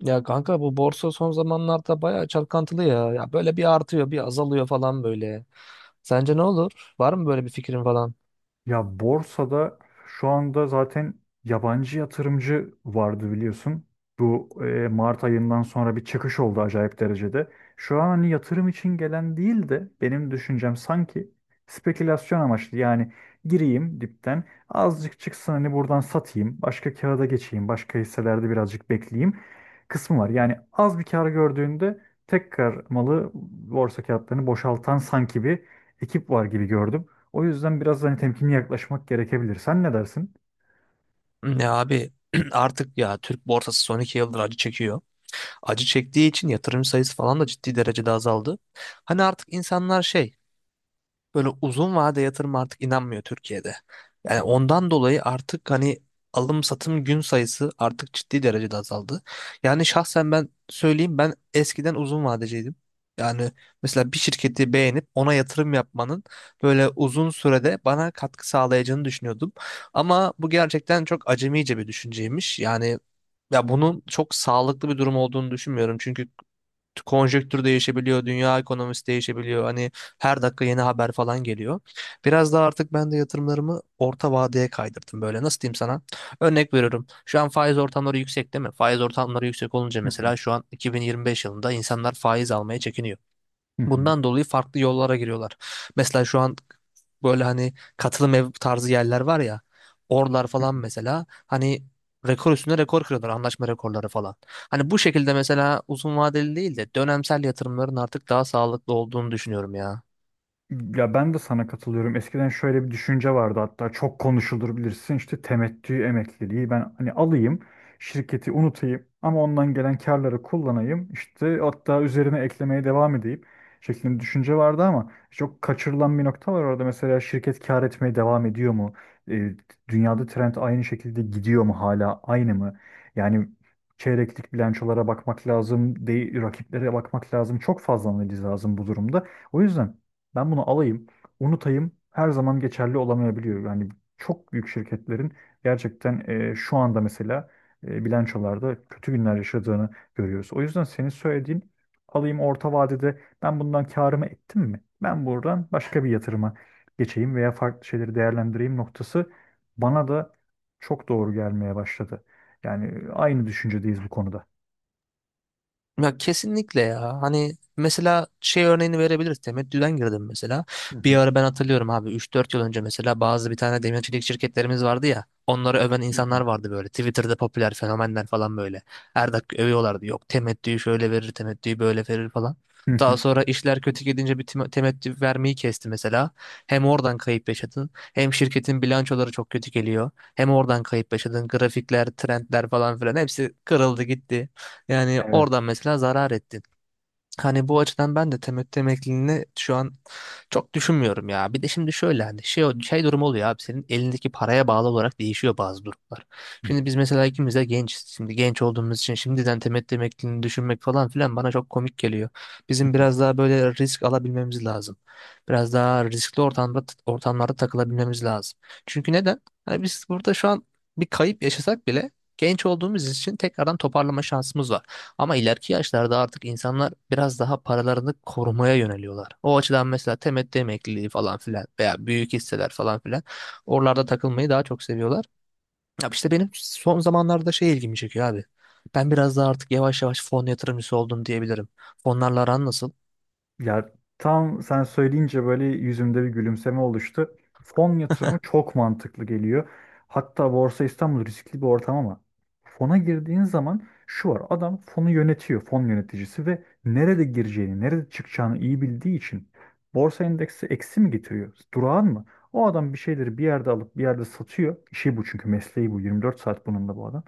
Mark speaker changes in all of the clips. Speaker 1: Ya kanka bu borsa son zamanlarda bayağı çalkantılı ya. Ya böyle bir artıyor, bir azalıyor falan böyle. Sence ne olur? Var mı böyle bir fikrin falan?
Speaker 2: Ya borsada şu anda zaten yabancı yatırımcı vardı biliyorsun. Bu Mart ayından sonra bir çıkış oldu acayip derecede. Şu an hani yatırım için gelen değil de benim düşüncem sanki spekülasyon amaçlı. Yani gireyim dipten azıcık çıksın hani buradan satayım. Başka kağıda geçeyim. Başka hisselerde birazcık bekleyeyim kısmı var. Yani az bir kar gördüğünde tekrar malı borsa kağıtlarını boşaltan sanki bir ekip var gibi gördüm. O yüzden biraz hani temkinli yaklaşmak gerekebilir. Sen ne dersin?
Speaker 1: Ya abi artık ya Türk borsası son iki yıldır acı çekiyor. Acı çektiği için yatırım sayısı falan da ciddi derecede azaldı. Hani artık insanlar şey böyle uzun vade yatırım artık inanmıyor Türkiye'de. Yani ondan dolayı artık hani alım satım gün sayısı artık ciddi derecede azaldı. Yani şahsen ben söyleyeyim ben eskiden uzun vadeciydim. Yani mesela bir şirketi beğenip ona yatırım yapmanın böyle uzun sürede bana katkı sağlayacağını düşünüyordum. Ama bu gerçekten çok acemice bir düşünceymiş. Yani ya bunun çok sağlıklı bir durum olduğunu düşünmüyorum. Çünkü konjektür değişebiliyor, dünya ekonomisi değişebiliyor. Hani her dakika yeni haber falan geliyor. Biraz daha artık ben de yatırımlarımı orta vadeye kaydırdım böyle. Nasıl diyeyim sana? Örnek veriyorum. Şu an faiz ortamları yüksek değil mi? Faiz ortamları yüksek olunca
Speaker 2: Hı hı.
Speaker 1: mesela şu an 2025 yılında insanlar faiz almaya çekiniyor.
Speaker 2: Hı hı.
Speaker 1: Bundan dolayı farklı yollara giriyorlar. Mesela şu an böyle hani katılım ev tarzı yerler var ya. Oralar
Speaker 2: Hı
Speaker 1: falan
Speaker 2: hı.
Speaker 1: mesela hani rekor üstüne rekor kırıyorlar anlaşma rekorları falan. Hani bu şekilde mesela uzun vadeli değil de dönemsel yatırımların artık daha sağlıklı olduğunu düşünüyorum ya.
Speaker 2: Ya ben de sana katılıyorum. Eskiden şöyle bir düşünce vardı, hatta çok konuşulur bilirsin, işte temettü emekliliği, ben hani alayım şirketi unutayım ama ondan gelen karları kullanayım, işte hatta üzerine eklemeye devam edeyim şeklinde bir düşünce vardı ama çok kaçırılan bir nokta var orada. Mesela şirket kar etmeye devam ediyor mu? E, Dünyada trend aynı şekilde gidiyor mu, hala aynı mı? Yani çeyreklik bilançolara bakmak lazım, değil, rakiplere bakmak lazım. Çok fazla analiz lazım bu durumda. O yüzden ben bunu alayım, unutayım, her zaman geçerli olamayabiliyor. Yani çok büyük şirketlerin gerçekten şu anda mesela bilançolarda kötü günler yaşadığını görüyoruz. O yüzden senin söylediğin alayım, orta vadede ben bundan karımı ettim mi, ben buradan başka bir yatırıma geçeyim veya farklı şeyleri değerlendireyim noktası bana da çok doğru gelmeye başladı. Yani aynı düşüncedeyiz bu konuda.
Speaker 1: Ya kesinlikle ya. Hani mesela şey örneğini verebiliriz. Temettüden girdim mesela.
Speaker 2: Hı
Speaker 1: Bir
Speaker 2: hı.
Speaker 1: ara ben hatırlıyorum abi üç dört yıl önce mesela bazı bir tane demir şirketlerimiz vardı ya. Onları öven
Speaker 2: Hı hı.
Speaker 1: insanlar vardı böyle. Twitter'da popüler fenomenler falan böyle. Her dakika övüyorlardı. Yok temettüyü şöyle verir, temettüyü böyle verir falan.
Speaker 2: Hı
Speaker 1: Daha
Speaker 2: hı.
Speaker 1: sonra işler kötü gidince temettü vermeyi kesti mesela. Hem oradan kayıp yaşadın, hem şirketin bilançoları çok kötü geliyor. Hem oradan kayıp yaşadın, grafikler, trendler falan filan hepsi kırıldı gitti. Yani
Speaker 2: Evet.
Speaker 1: oradan mesela zarar ettin. Hani bu açıdan ben de temettü emekliliğini şu an çok düşünmüyorum ya. Bir de şimdi şöyle hani şey durum oluyor abi senin elindeki paraya bağlı olarak değişiyor bazı durumlar.
Speaker 2: Hı
Speaker 1: Şimdi biz mesela ikimiz de gençiz. Şimdi genç olduğumuz için şimdiden temettü emekliliğini düşünmek falan filan bana çok komik geliyor.
Speaker 2: hı.
Speaker 1: Bizim biraz daha böyle risk alabilmemiz lazım. Biraz daha riskli ortamlarda takılabilmemiz lazım. Çünkü neden? Hani biz burada şu an bir kayıp yaşasak bile genç olduğumuz için tekrardan toparlama şansımız var. Ama ileriki yaşlarda artık insanlar biraz daha paralarını korumaya yöneliyorlar. O açıdan mesela temettü emekliliği falan filan veya büyük hisseler falan filan oralarda takılmayı daha çok seviyorlar. Ya işte benim son zamanlarda şey ilgimi çekiyor abi. Ben biraz daha artık yavaş yavaş fon yatırımcısı oldum diyebilirim. Fonlarla aran nasıl?
Speaker 2: Ya tam sen söyleyince böyle yüzümde bir gülümseme oluştu. Fon yatırımı çok mantıklı geliyor. Hatta Borsa İstanbul riskli bir ortam ama fona girdiğin zaman şu var. Adam fonu yönetiyor, fon yöneticisi, ve nerede gireceğini, nerede çıkacağını iyi bildiği için borsa endeksi eksi mi getiriyor, durağan mı, o adam bir şeyleri bir yerde alıp bir yerde satıyor. İşi bu çünkü mesleği bu. 24 saat bununla bu adam.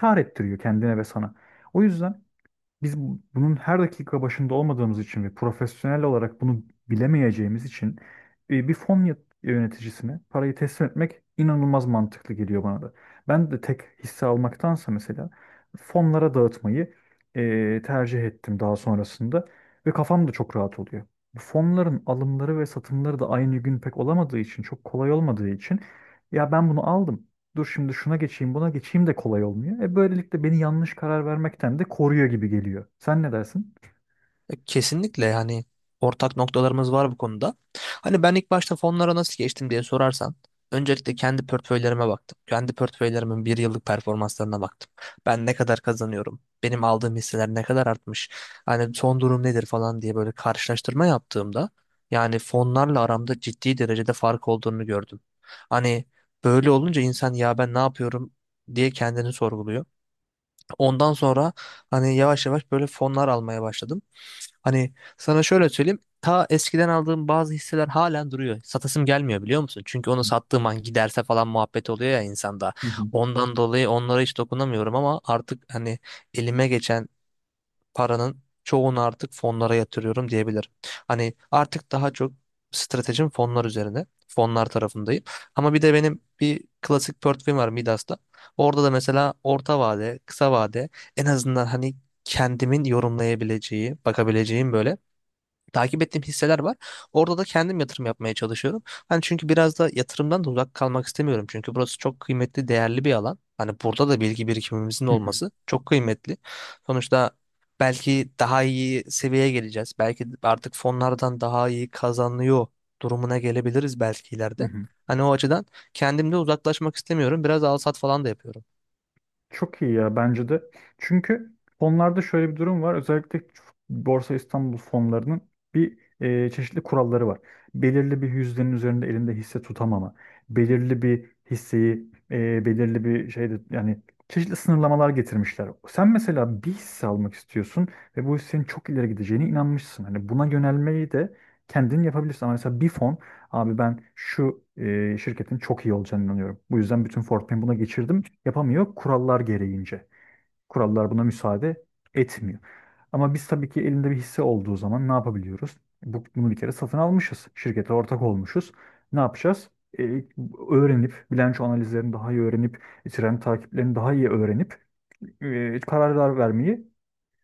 Speaker 2: Kâr ettiriyor kendine ve sana. O yüzden bunun her dakika başında olmadığımız için ve profesyonel olarak bunu bilemeyeceğimiz için bir yöneticisine parayı teslim etmek inanılmaz mantıklı geliyor bana da. Ben de tek hisse almaktansa mesela fonlara dağıtmayı tercih ettim daha sonrasında ve kafam da çok rahat oluyor. Bu fonların alımları ve satımları da aynı gün pek olamadığı için, çok kolay olmadığı için, ya ben bunu aldım, dur şimdi şuna geçeyim, buna geçeyim de kolay olmuyor. E böylelikle beni yanlış karar vermekten de koruyor gibi geliyor. Sen ne dersin?
Speaker 1: Kesinlikle yani ortak noktalarımız var bu konuda. Hani ben ilk başta fonlara nasıl geçtim diye sorarsan öncelikle kendi portföylerime baktım. Kendi portföylerimin bir yıllık performanslarına baktım. Ben ne kadar kazanıyorum? Benim aldığım hisseler ne kadar artmış? Hani son durum nedir falan diye böyle karşılaştırma yaptığımda yani fonlarla aramda ciddi derecede fark olduğunu gördüm. Hani böyle olunca insan ya ben ne yapıyorum diye kendini sorguluyor. Ondan sonra hani yavaş yavaş böyle fonlar almaya başladım. Hani sana şöyle söyleyeyim. Ta eskiden aldığım bazı hisseler halen duruyor. Satasım gelmiyor biliyor musun? Çünkü onu sattığım an giderse falan muhabbet oluyor ya insanda.
Speaker 2: Hı hı.
Speaker 1: Ondan dolayı onlara hiç dokunamıyorum ama artık hani elime geçen paranın çoğunu artık fonlara yatırıyorum diyebilirim. Hani artık daha çok stratejim fonlar üzerine. Fonlar tarafındayım. Ama bir de benim bir klasik portföyüm var Midas'ta. Orada da mesela orta vade, kısa vade en azından hani kendimin yorumlayabileceği, bakabileceğim böyle takip ettiğim hisseler var. Orada da kendim yatırım yapmaya çalışıyorum. Hani çünkü biraz da yatırımdan da uzak kalmak istemiyorum. Çünkü burası çok kıymetli, değerli bir alan. Hani burada da bilgi birikimimizin
Speaker 2: Hı hı.
Speaker 1: olması çok kıymetli. Sonuçta belki daha iyi seviyeye geleceğiz. Belki artık fonlardan daha iyi kazanıyor durumuna gelebiliriz belki
Speaker 2: Hı
Speaker 1: ileride.
Speaker 2: hı.
Speaker 1: Hani o açıdan kendimde uzaklaşmak istemiyorum. Biraz al sat falan da yapıyorum.
Speaker 2: Çok iyi ya, bence de. Çünkü fonlarda şöyle bir durum var. Özellikle Borsa İstanbul fonlarının bir çeşitli kuralları var. Belirli bir yüzdenin üzerinde elinde hisse tutamama, belirli bir hisseyi belirli bir şeyde, yani çeşitli sınırlamalar getirmişler. Sen mesela bir hisse almak istiyorsun ve bu hissenin çok ileri gideceğine inanmışsın. Hani buna yönelmeyi de kendin yapabilirsin. Ama mesela bir fon, abi ben şu şirketin çok iyi olacağına inanıyorum, bu yüzden bütün Fortnite'ı buna geçirdim, yapamıyor kurallar gereğince. Kurallar buna müsaade etmiyor. Ama biz tabii ki elinde bir hisse olduğu zaman ne yapabiliyoruz? Bunu bir kere satın almışız. Şirkete ortak olmuşuz. Ne yapacağız? E, Öğrenip, bilanço analizlerini daha iyi öğrenip, trend takiplerini daha iyi öğrenip kararlar vermeyi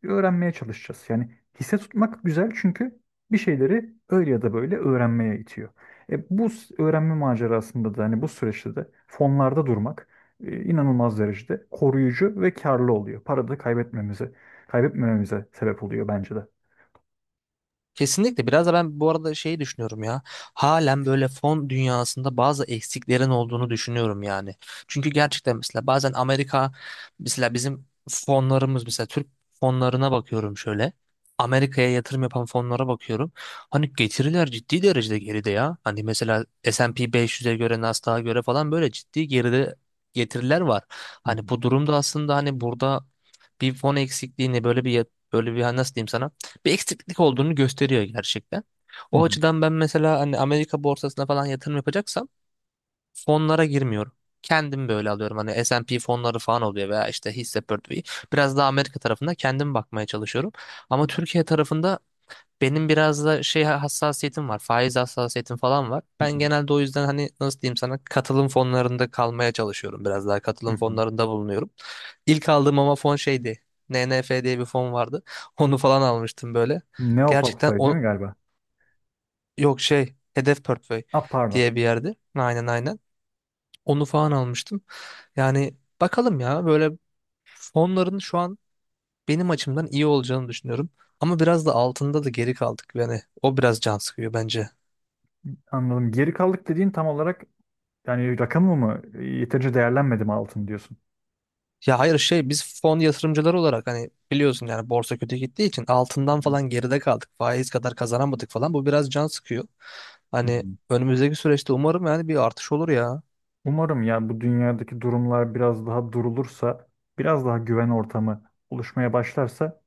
Speaker 2: öğrenmeye çalışacağız. Yani hisse tutmak güzel çünkü bir şeyleri öyle ya da böyle öğrenmeye itiyor. E, öğrenme macerasında da hani bu süreçte de fonlarda durmak inanılmaz derecede koruyucu ve karlı oluyor. Para da kaybetmemize, kaybetmememize sebep oluyor bence de.
Speaker 1: Kesinlikle. Biraz da ben bu arada şey düşünüyorum ya. Halen böyle fon dünyasında bazı eksiklerin olduğunu düşünüyorum yani. Çünkü gerçekten mesela bazen Amerika mesela bizim fonlarımız mesela Türk fonlarına bakıyorum şöyle. Amerika'ya yatırım yapan fonlara bakıyorum. Hani getiriler ciddi derecede geride ya. Hani mesela S&P 500'e göre Nasdaq'a göre falan böyle ciddi geride getiriler var.
Speaker 2: Hı hı,
Speaker 1: Hani bu durumda aslında hani burada bir fon eksikliğini böyle bir hani nasıl diyeyim sana bir eksiklik olduğunu gösteriyor gerçekten.
Speaker 2: hı
Speaker 1: O
Speaker 2: hı,
Speaker 1: açıdan ben mesela hani Amerika borsasına falan yatırım yapacaksam fonlara girmiyorum. Kendim böyle alıyorum. Hani S&P fonları falan oluyor veya işte hisse portföyü. Biraz daha Amerika tarafında kendim bakmaya çalışıyorum. Ama Türkiye tarafında benim biraz da şey hassasiyetim var. Faiz hassasiyetim falan var.
Speaker 2: hı
Speaker 1: Ben genelde o yüzden hani nasıl diyeyim sana katılım fonlarında kalmaya çalışıyorum. Biraz daha
Speaker 2: hı, hı
Speaker 1: katılım
Speaker 2: hı.
Speaker 1: fonlarında bulunuyorum. İlk aldığım ama fon şeydi. NNF diye bir fon vardı. Onu falan almıştım böyle. Gerçekten
Speaker 2: Neoportföy değil mi
Speaker 1: o
Speaker 2: galiba?
Speaker 1: yok şey Hedef Portföy
Speaker 2: Ah, pardon.
Speaker 1: diye bir yerde. Aynen aynen. Onu falan almıştım. Yani bakalım ya böyle fonların şu an benim açımdan iyi olacağını düşünüyorum. Ama biraz da altında da geri kaldık. Yani o biraz can sıkıyor bence.
Speaker 2: Anladım. Geri kaldık dediğin tam olarak yani rakamı mı, yeterince değerlenmedi mi altın, diyorsun?
Speaker 1: Ya hayır şey biz fon yatırımcıları olarak hani biliyorsun yani borsa kötü gittiği için
Speaker 2: Hı
Speaker 1: altından
Speaker 2: hı,
Speaker 1: falan geride kaldık. Faiz kadar kazanamadık falan. Bu biraz can sıkıyor.
Speaker 2: hı
Speaker 1: Hani
Speaker 2: hı.
Speaker 1: önümüzdeki süreçte umarım yani bir artış olur ya.
Speaker 2: Umarım ya, bu dünyadaki durumlar biraz daha durulursa, biraz daha güven ortamı oluşmaya başlarsa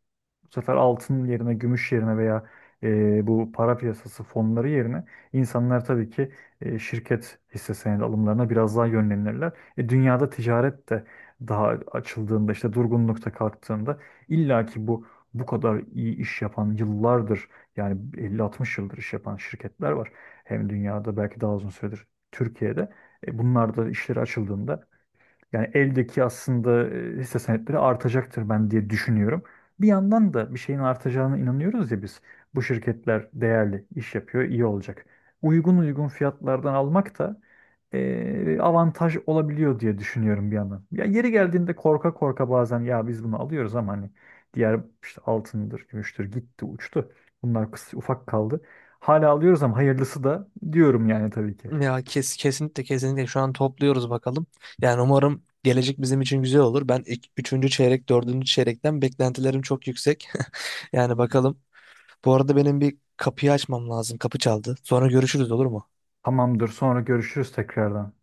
Speaker 2: bu sefer altın yerine, gümüş yerine veya bu para piyasası fonları yerine insanlar tabii ki şirket hisse senedi alımlarına biraz daha yönlenirler. E, dünyada ticaret de daha açıldığında, işte durgunlukta kalktığında illa ki bu kadar iyi iş yapan, yıllardır yani 50-60 yıldır iş yapan şirketler var. Hem dünyada belki daha uzun süredir, Türkiye'de. E, bunlar da işleri açıldığında yani eldeki aslında hisse senetleri artacaktır ben diye düşünüyorum. Bir yandan da bir şeyin artacağına inanıyoruz ya biz. Bu şirketler değerli iş yapıyor, iyi olacak. Uygun uygun fiyatlardan almak da avantaj olabiliyor diye düşünüyorum bir yandan. Ya yeri geldiğinde korka korka bazen ya biz bunu alıyoruz ama hani diğer işte altındır, gümüştür, gitti, uçtu. Bunlar kısa, ufak kaldı. Hala alıyoruz ama hayırlısı da diyorum yani tabii ki.
Speaker 1: Kesinlikle kesinlikle şu an topluyoruz bakalım. Yani umarım gelecek bizim için güzel olur. Ben üçüncü çeyrek, dördüncü çeyrekten beklentilerim çok yüksek. Yani bakalım. Bu arada benim bir kapıyı açmam lazım. Kapı çaldı. Sonra görüşürüz olur mu?
Speaker 2: Tamamdır, sonra görüşürüz tekrardan.